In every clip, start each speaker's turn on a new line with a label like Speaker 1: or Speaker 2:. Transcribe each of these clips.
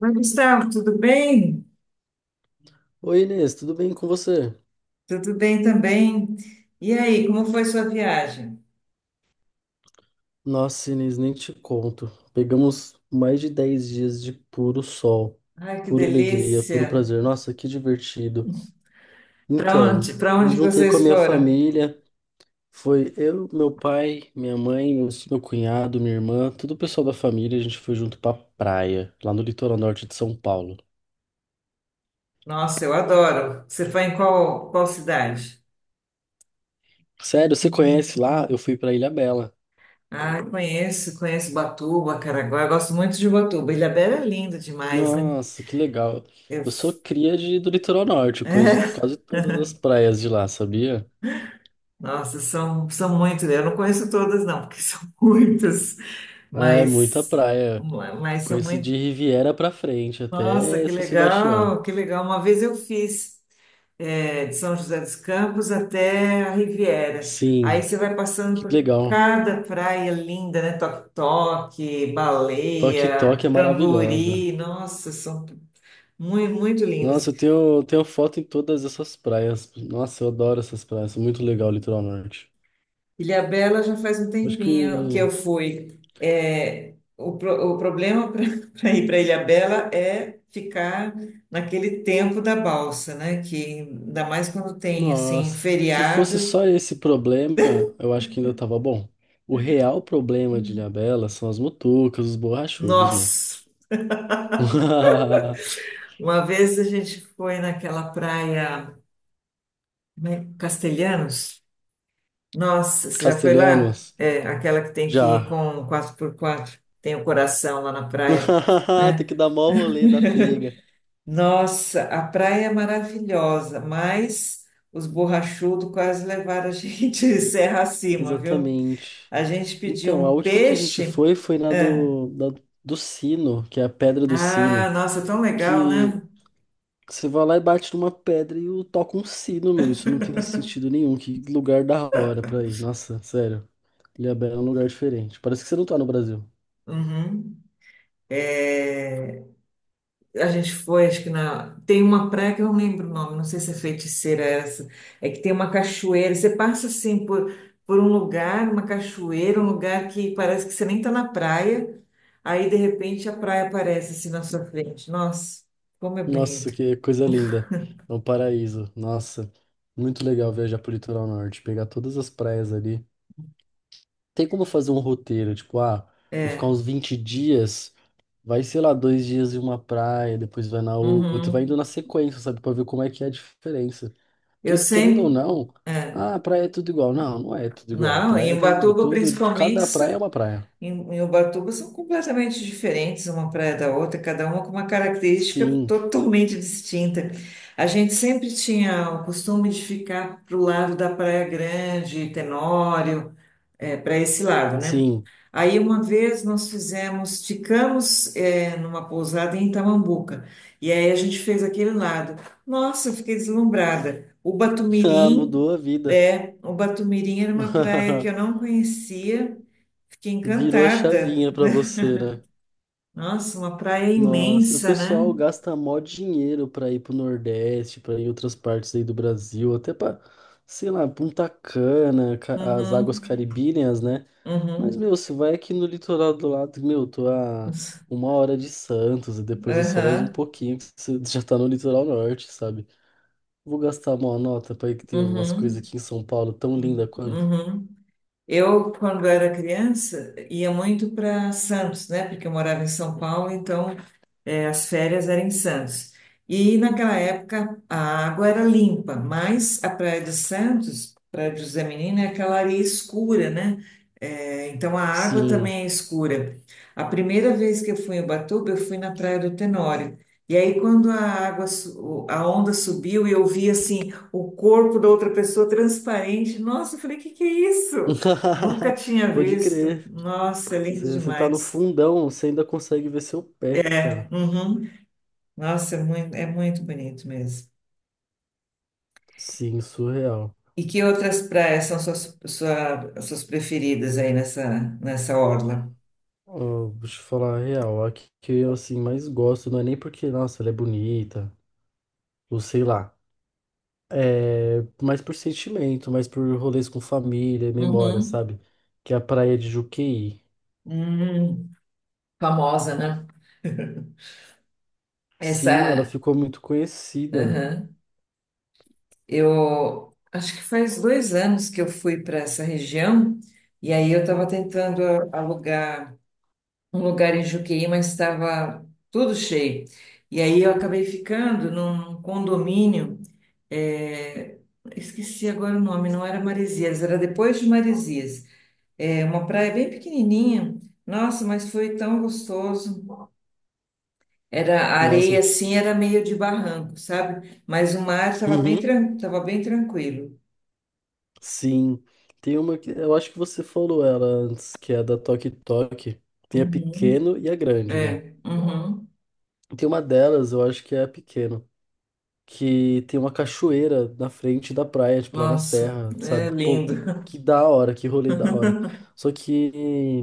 Speaker 1: Oi, Gustavo, tudo bem?
Speaker 2: Oi, Inês, tudo bem com você?
Speaker 1: Tudo bem também. E aí, como foi sua viagem?
Speaker 2: Nossa, Inês, nem te conto. Pegamos mais de 10 dias de puro sol,
Speaker 1: Ai, que
Speaker 2: pura alegria,
Speaker 1: delícia!
Speaker 2: puro prazer. Nossa, que divertido.
Speaker 1: Para
Speaker 2: Então,
Speaker 1: onde, para
Speaker 2: me
Speaker 1: onde que
Speaker 2: juntei com a
Speaker 1: vocês
Speaker 2: minha
Speaker 1: foram?
Speaker 2: família. Foi eu, meu pai, minha mãe, meu cunhado, minha irmã, todo o pessoal da família. A gente foi junto pra praia, lá no litoral norte de São Paulo.
Speaker 1: Nossa, eu adoro. Você foi em qual cidade?
Speaker 2: Sério, você conhece lá? Eu fui pra Ilha Bela.
Speaker 1: Ah, eu conheço, conheço Batuba, Caraguá. Eu gosto muito de Batuba. Ilhabela é linda demais, né?
Speaker 2: Nossa, que legal.
Speaker 1: Eu,
Speaker 2: Eu sou cria do litoral norte, eu conheço
Speaker 1: é,
Speaker 2: quase todas as praias de lá, sabia?
Speaker 1: nossa, são muitas. Eu não conheço todas, não, porque são muitas,
Speaker 2: Ah, é muita
Speaker 1: mas,
Speaker 2: praia.
Speaker 1: mas são
Speaker 2: Conheço
Speaker 1: muitas.
Speaker 2: de Riviera pra frente,
Speaker 1: Nossa,
Speaker 2: até
Speaker 1: que
Speaker 2: São Sebastião.
Speaker 1: legal, que legal. Uma vez eu fiz é, de São José dos Campos até a Riviera. Aí
Speaker 2: Sim,
Speaker 1: você vai passando
Speaker 2: que
Speaker 1: por
Speaker 2: legal.
Speaker 1: cada praia linda, né? Toque-toque,
Speaker 2: Toque Toque
Speaker 1: baleia,
Speaker 2: é maravilhosa.
Speaker 1: Camburi. Nossa, são muito, muito lindas.
Speaker 2: Nossa, eu tenho foto em todas essas praias. Nossa, eu adoro essas praias, muito legal o litoral norte.
Speaker 1: Ilhabela já faz um
Speaker 2: Acho
Speaker 1: tempinho que eu
Speaker 2: que
Speaker 1: fui. É, o, o problema para ir para Ilhabela é ficar naquele tempo da balsa, né? Que ainda mais quando tem assim
Speaker 2: nossa, se fosse só
Speaker 1: feriado.
Speaker 2: esse problema, eu acho que ainda tava bom. O real problema de Ilhabela são as mutucas, os borrachudos, meu.
Speaker 1: Nossa, uma vez a gente foi naquela praia como é? Castelhanos. Nossa, você já foi lá?
Speaker 2: Castelhanos,
Speaker 1: É, aquela que tem que ir
Speaker 2: já.
Speaker 1: com quatro por quatro, tem o coração lá na praia,
Speaker 2: Tem que
Speaker 1: né?
Speaker 2: dar mó rolê da pega.
Speaker 1: Nossa, a praia é maravilhosa, mas os borrachudos quase levaram a gente serra acima, viu?
Speaker 2: Exatamente.
Speaker 1: A gente pediu
Speaker 2: Então, a
Speaker 1: um
Speaker 2: última que a gente
Speaker 1: peixe.
Speaker 2: foi foi na
Speaker 1: Ah,
Speaker 2: do Sino, que é a Pedra do
Speaker 1: ah,
Speaker 2: Sino,
Speaker 1: nossa, tão legal,
Speaker 2: que
Speaker 1: né?
Speaker 2: você vai lá e bate numa pedra e o toca um sino, meu. Isso não tem sentido nenhum. Que lugar da hora pra ir. Nossa, sério. Ilhabela é um lugar diferente. Parece que você não tá no Brasil.
Speaker 1: Uhum. É, a gente foi, acho que na. Tem uma praia que eu não lembro o nome, não sei se é Feiticeira essa. É que tem uma cachoeira. Você passa assim por um lugar, uma cachoeira, um lugar que parece que você nem tá na praia. Aí de repente a praia aparece assim na sua frente. Nossa, como é
Speaker 2: Nossa,
Speaker 1: bonito.
Speaker 2: que coisa linda. É um paraíso. Nossa, muito legal viajar pro litoral norte, pegar todas as praias ali. Tem como fazer um roteiro, tipo, ah, vou ficar uns 20 dias, vai, sei lá, 2 dias em uma praia, depois vai na outra, vai indo
Speaker 1: Uhum.
Speaker 2: na sequência, sabe, pra ver como é que é a diferença.
Speaker 1: Eu
Speaker 2: Querendo ou
Speaker 1: sempre.
Speaker 2: não,
Speaker 1: É.
Speaker 2: ah, praia é tudo igual. Não, não é tudo igual.
Speaker 1: Não, em
Speaker 2: Praia tem
Speaker 1: Ubatuba
Speaker 2: tudo,
Speaker 1: principalmente
Speaker 2: cada praia é uma praia.
Speaker 1: em, em Ubatuba são completamente diferentes uma praia da outra, cada uma com uma característica
Speaker 2: Sim,
Speaker 1: totalmente distinta. A gente sempre tinha o costume de ficar pro lado da Praia Grande, Tenório, para esse lado, né?
Speaker 2: sim.
Speaker 1: Aí uma vez nós fizemos, ficamos é, numa pousada em Itamambuca, e aí a gente fez aquele lado. Nossa, eu fiquei deslumbrada. O
Speaker 2: Ah,
Speaker 1: Batumirim,
Speaker 2: mudou a vida.
Speaker 1: é, o Batumirim era uma praia que eu não conhecia. Fiquei
Speaker 2: Virou a
Speaker 1: encantada.
Speaker 2: chavinha pra você, né?
Speaker 1: Nossa, uma praia
Speaker 2: Nossa, o
Speaker 1: imensa, né?
Speaker 2: pessoal gasta mó dinheiro pra ir pro Nordeste, pra ir em outras partes aí do Brasil, até pra, sei lá, Punta Cana, as águas
Speaker 1: Uhum,
Speaker 2: caribíneas, né? Mas,
Speaker 1: uhum,
Speaker 2: meu, você vai aqui no litoral do lado, meu, tô a 1 hora de Santos, e depois é só mais um
Speaker 1: aham,
Speaker 2: pouquinho que você já tá no litoral norte, sabe? Vou gastar uma nota pra ir que tem umas coisas
Speaker 1: uhum,
Speaker 2: aqui em São Paulo tão linda quanto.
Speaker 1: uhum. Eu, quando era criança, ia muito para Santos, né? Porque eu morava em São Paulo, então é, as férias eram em Santos. E naquela época a água era limpa, mas a Praia de Santos, Praia de José Menino, é aquela areia escura, né? É, então a água
Speaker 2: Sim.
Speaker 1: também é escura. A primeira vez que eu fui em Ubatuba, eu fui na Praia do Tenório. E aí, quando a água, a onda subiu e eu vi assim o corpo da outra pessoa transparente, nossa, eu falei, que é isso? Nunca tinha
Speaker 2: Pode
Speaker 1: visto.
Speaker 2: crer.
Speaker 1: Nossa, é lindo
Speaker 2: Você tá no
Speaker 1: demais.
Speaker 2: fundão, você ainda consegue ver seu pé,
Speaker 1: É,
Speaker 2: cara.
Speaker 1: uhum. Nossa, é muito bonito mesmo.
Speaker 2: Sim, surreal.
Speaker 1: E que outras praias são suas, suas preferidas aí nessa, nessa orla?
Speaker 2: Ó, vou te falar a real, a que eu assim mais gosto, não é nem porque, nossa, ela é bonita, ou sei lá. É, mais por sentimento, mais por rolês com família, memória,
Speaker 1: Uhum.
Speaker 2: sabe? Que é a praia de Juqueí.
Speaker 1: Hum, famosa, né?
Speaker 2: Sim, ela
Speaker 1: Essa,
Speaker 2: ficou muito conhecida.
Speaker 1: aham. Eu acho que faz 2 anos que eu fui para essa região e aí eu estava tentando alugar um lugar em Juqueí, mas estava tudo cheio. E aí eu acabei ficando num condomínio, é, esqueci agora o nome, não era Maresias, era depois de Maresias. É uma praia bem pequenininha. Nossa, mas foi tão gostoso. Era a areia
Speaker 2: Nossa,
Speaker 1: assim, era meio de barranco, sabe? Mas o mar estava bem,
Speaker 2: uhum,
Speaker 1: tava bem tranquilo.
Speaker 2: sim. Tem uma que eu acho que você falou ela antes, que é a da Toque Toque. Tem a
Speaker 1: Uhum.
Speaker 2: pequeno e a grande, né?
Speaker 1: É, uhum.
Speaker 2: Tem uma delas, eu acho que é a pequeno, que tem uma cachoeira na frente da praia, tipo lá na
Speaker 1: Nossa,
Speaker 2: serra,
Speaker 1: é
Speaker 2: sabe? Pô,
Speaker 1: lindo.
Speaker 2: que da hora, que rolê da hora. Só que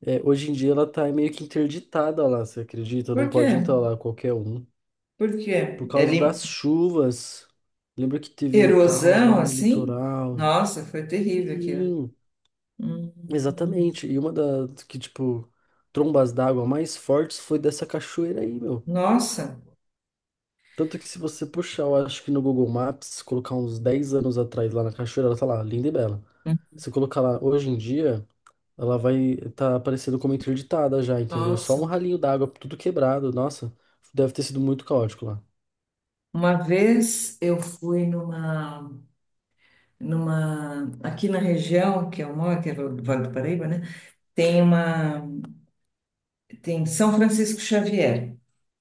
Speaker 2: é, hoje em dia ela tá meio que interditada lá, você acredita? Não
Speaker 1: Por
Speaker 2: pode
Speaker 1: quê?
Speaker 2: entrar lá qualquer um.
Speaker 1: Por
Speaker 2: Por
Speaker 1: quê? É
Speaker 2: causa
Speaker 1: lindo.
Speaker 2: das chuvas. Lembra que teve um caos
Speaker 1: Erosão
Speaker 2: lá no
Speaker 1: assim?
Speaker 2: litoral?
Speaker 1: Nossa, foi terrível aquilo.
Speaker 2: Sim,
Speaker 1: Hum,
Speaker 2: exatamente. E uma das que, tipo, trombas d'água mais fortes foi dessa cachoeira aí, meu.
Speaker 1: Nossa,
Speaker 2: Tanto que se você puxar, eu acho que no Google Maps, colocar uns 10 anos atrás lá na cachoeira, ela tá lá, linda e bela. Se colocar lá hoje em dia, ela vai tá aparecendo como interditada já, entendeu? E só
Speaker 1: nossa.
Speaker 2: um ralinho d'água, tudo quebrado. Nossa, deve ter sido muito caótico lá.
Speaker 1: Uma vez eu fui numa, numa, aqui na região que eu moro, que é o Vale do Paraíba, né? Tem uma, tem São Francisco Xavier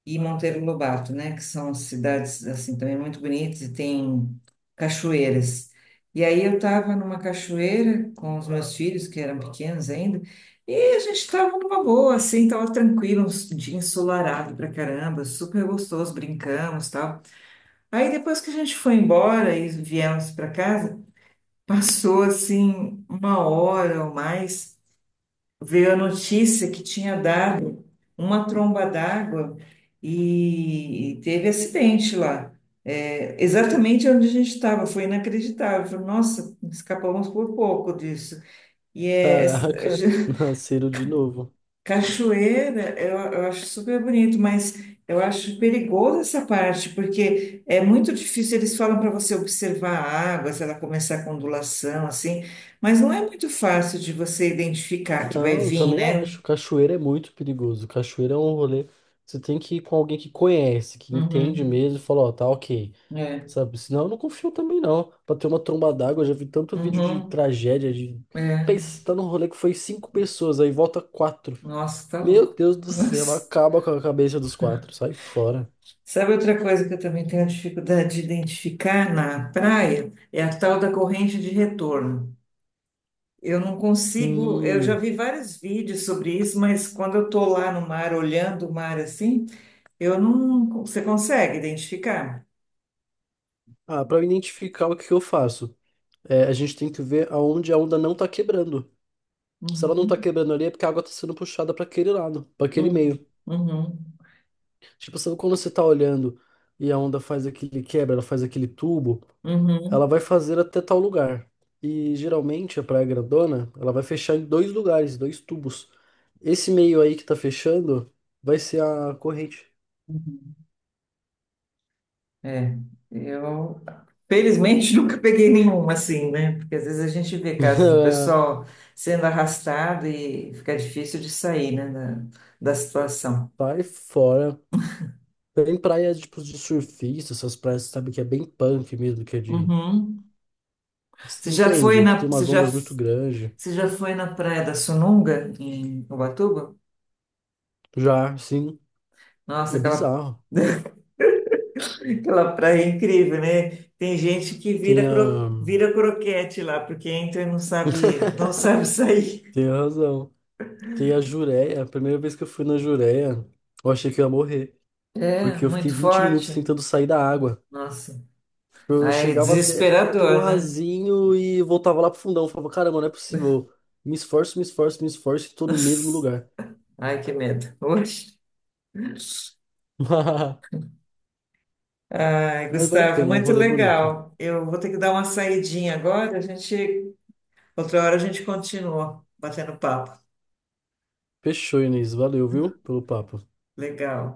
Speaker 1: e Monteiro Lobato, né, que são cidades assim também muito bonitas e tem cachoeiras. E aí eu estava numa cachoeira com os meus filhos, que eram pequenos ainda, e a gente estava numa boa, assim, estava tranquilo, um dia ensolarado pra caramba, super gostoso, brincamos, tal. Aí depois que a gente foi embora e viemos para casa, passou assim uma hora ou mais, veio a notícia que tinha dado uma tromba d'água e teve acidente lá. É, exatamente onde a gente estava, foi inacreditável. Falei, nossa, escapamos por pouco disso. E é,
Speaker 2: Caraca, nasceram de novo.
Speaker 1: cachoeira, eu acho super bonito, mas eu acho perigoso essa parte, porque é muito difícil. Eles falam para você observar a água, se ela começar com ondulação, assim, mas não é muito fácil de você identificar que vai
Speaker 2: Não, eu
Speaker 1: vir,
Speaker 2: também
Speaker 1: né?
Speaker 2: acho. Cachoeira é muito perigoso. Cachoeira é um rolê. Você tem que ir com alguém que conhece, que entende
Speaker 1: Uhum.
Speaker 2: mesmo, e fala, ó, tá ok.
Speaker 1: É.
Speaker 2: Sabe? Senão eu não confio também, não. Pra ter uma tromba d'água, eu já vi tanto vídeo de
Speaker 1: Uhum.
Speaker 2: tragédia, de.
Speaker 1: É.
Speaker 2: Pensa, você tá num rolê que foi 5 pessoas, aí volta quatro.
Speaker 1: Nossa, tá
Speaker 2: Meu
Speaker 1: louco.
Speaker 2: Deus do céu,
Speaker 1: Nossa.
Speaker 2: acaba com a cabeça dos quatro. Sai fora.
Speaker 1: Sabe outra coisa que eu também tenho dificuldade de identificar na praia? É a tal da corrente de retorno. Eu não consigo, eu já
Speaker 2: Hum.
Speaker 1: vi vários vídeos sobre isso, mas quando eu tô lá no mar, olhando o mar assim, eu não. Você consegue identificar?
Speaker 2: Ah, para identificar o que que eu faço, é, a gente tem que ver aonde a onda não tá quebrando. Se ela não tá
Speaker 1: Uhum.
Speaker 2: quebrando ali, é porque a água tá sendo puxada para aquele lado, para aquele
Speaker 1: Uhum.
Speaker 2: meio.
Speaker 1: Uhum.
Speaker 2: Tipo, sabe quando você tá olhando e a onda faz aquele quebra, ela faz aquele tubo, ela vai fazer até tal lugar. E geralmente a praia grandona, ela vai fechar em dois lugares, dois tubos. Esse meio aí que tá fechando vai ser a corrente.
Speaker 1: Uhum. É, eu felizmente nunca peguei nenhuma assim, né? Porque às vezes a gente vê casos do pessoal sendo arrastado e fica difícil de sair, né, da, da situação.
Speaker 2: Vai fora. Tem praia, tipo, de surfista, essas praias, sabe, que é bem punk mesmo, que é de...
Speaker 1: Uhum. Você já foi
Speaker 2: Entende? Que
Speaker 1: na,
Speaker 2: tem umas ondas muito grandes.
Speaker 1: você já foi na Praia da Sununga, em Ubatuba?
Speaker 2: Já, sim,
Speaker 1: Nossa,
Speaker 2: é
Speaker 1: aquela,
Speaker 2: bizarro.
Speaker 1: aquela praia é incrível, né? Tem gente que
Speaker 2: Tem
Speaker 1: vira, cro,
Speaker 2: a...
Speaker 1: vira croquete lá, porque entra e não sabe, não sabe sair.
Speaker 2: Tem razão. Tem a Jureia. A primeira vez que eu fui na Jureia, eu achei que eu ia morrer.
Speaker 1: É,
Speaker 2: Porque eu fiquei
Speaker 1: muito
Speaker 2: 20 minutos
Speaker 1: forte.
Speaker 2: tentando sair da água.
Speaker 1: Nossa.
Speaker 2: Eu
Speaker 1: Ai, é
Speaker 2: chegava até perto do
Speaker 1: desesperador, né?
Speaker 2: rasinho e voltava lá pro fundão. Eu falava, caramba, não é possível. Me esforço, me esforço, me esforço e tô no mesmo lugar.
Speaker 1: Ai, que medo. Oxe. Ai,
Speaker 2: Mas vale a
Speaker 1: Gustavo,
Speaker 2: pena, é um
Speaker 1: muito
Speaker 2: rolê bonito.
Speaker 1: legal. Eu vou ter que dar uma saidinha agora, a gente, outra hora a gente continua batendo papo.
Speaker 2: Fechou, Inês. Valeu, viu, pelo papo.
Speaker 1: Legal.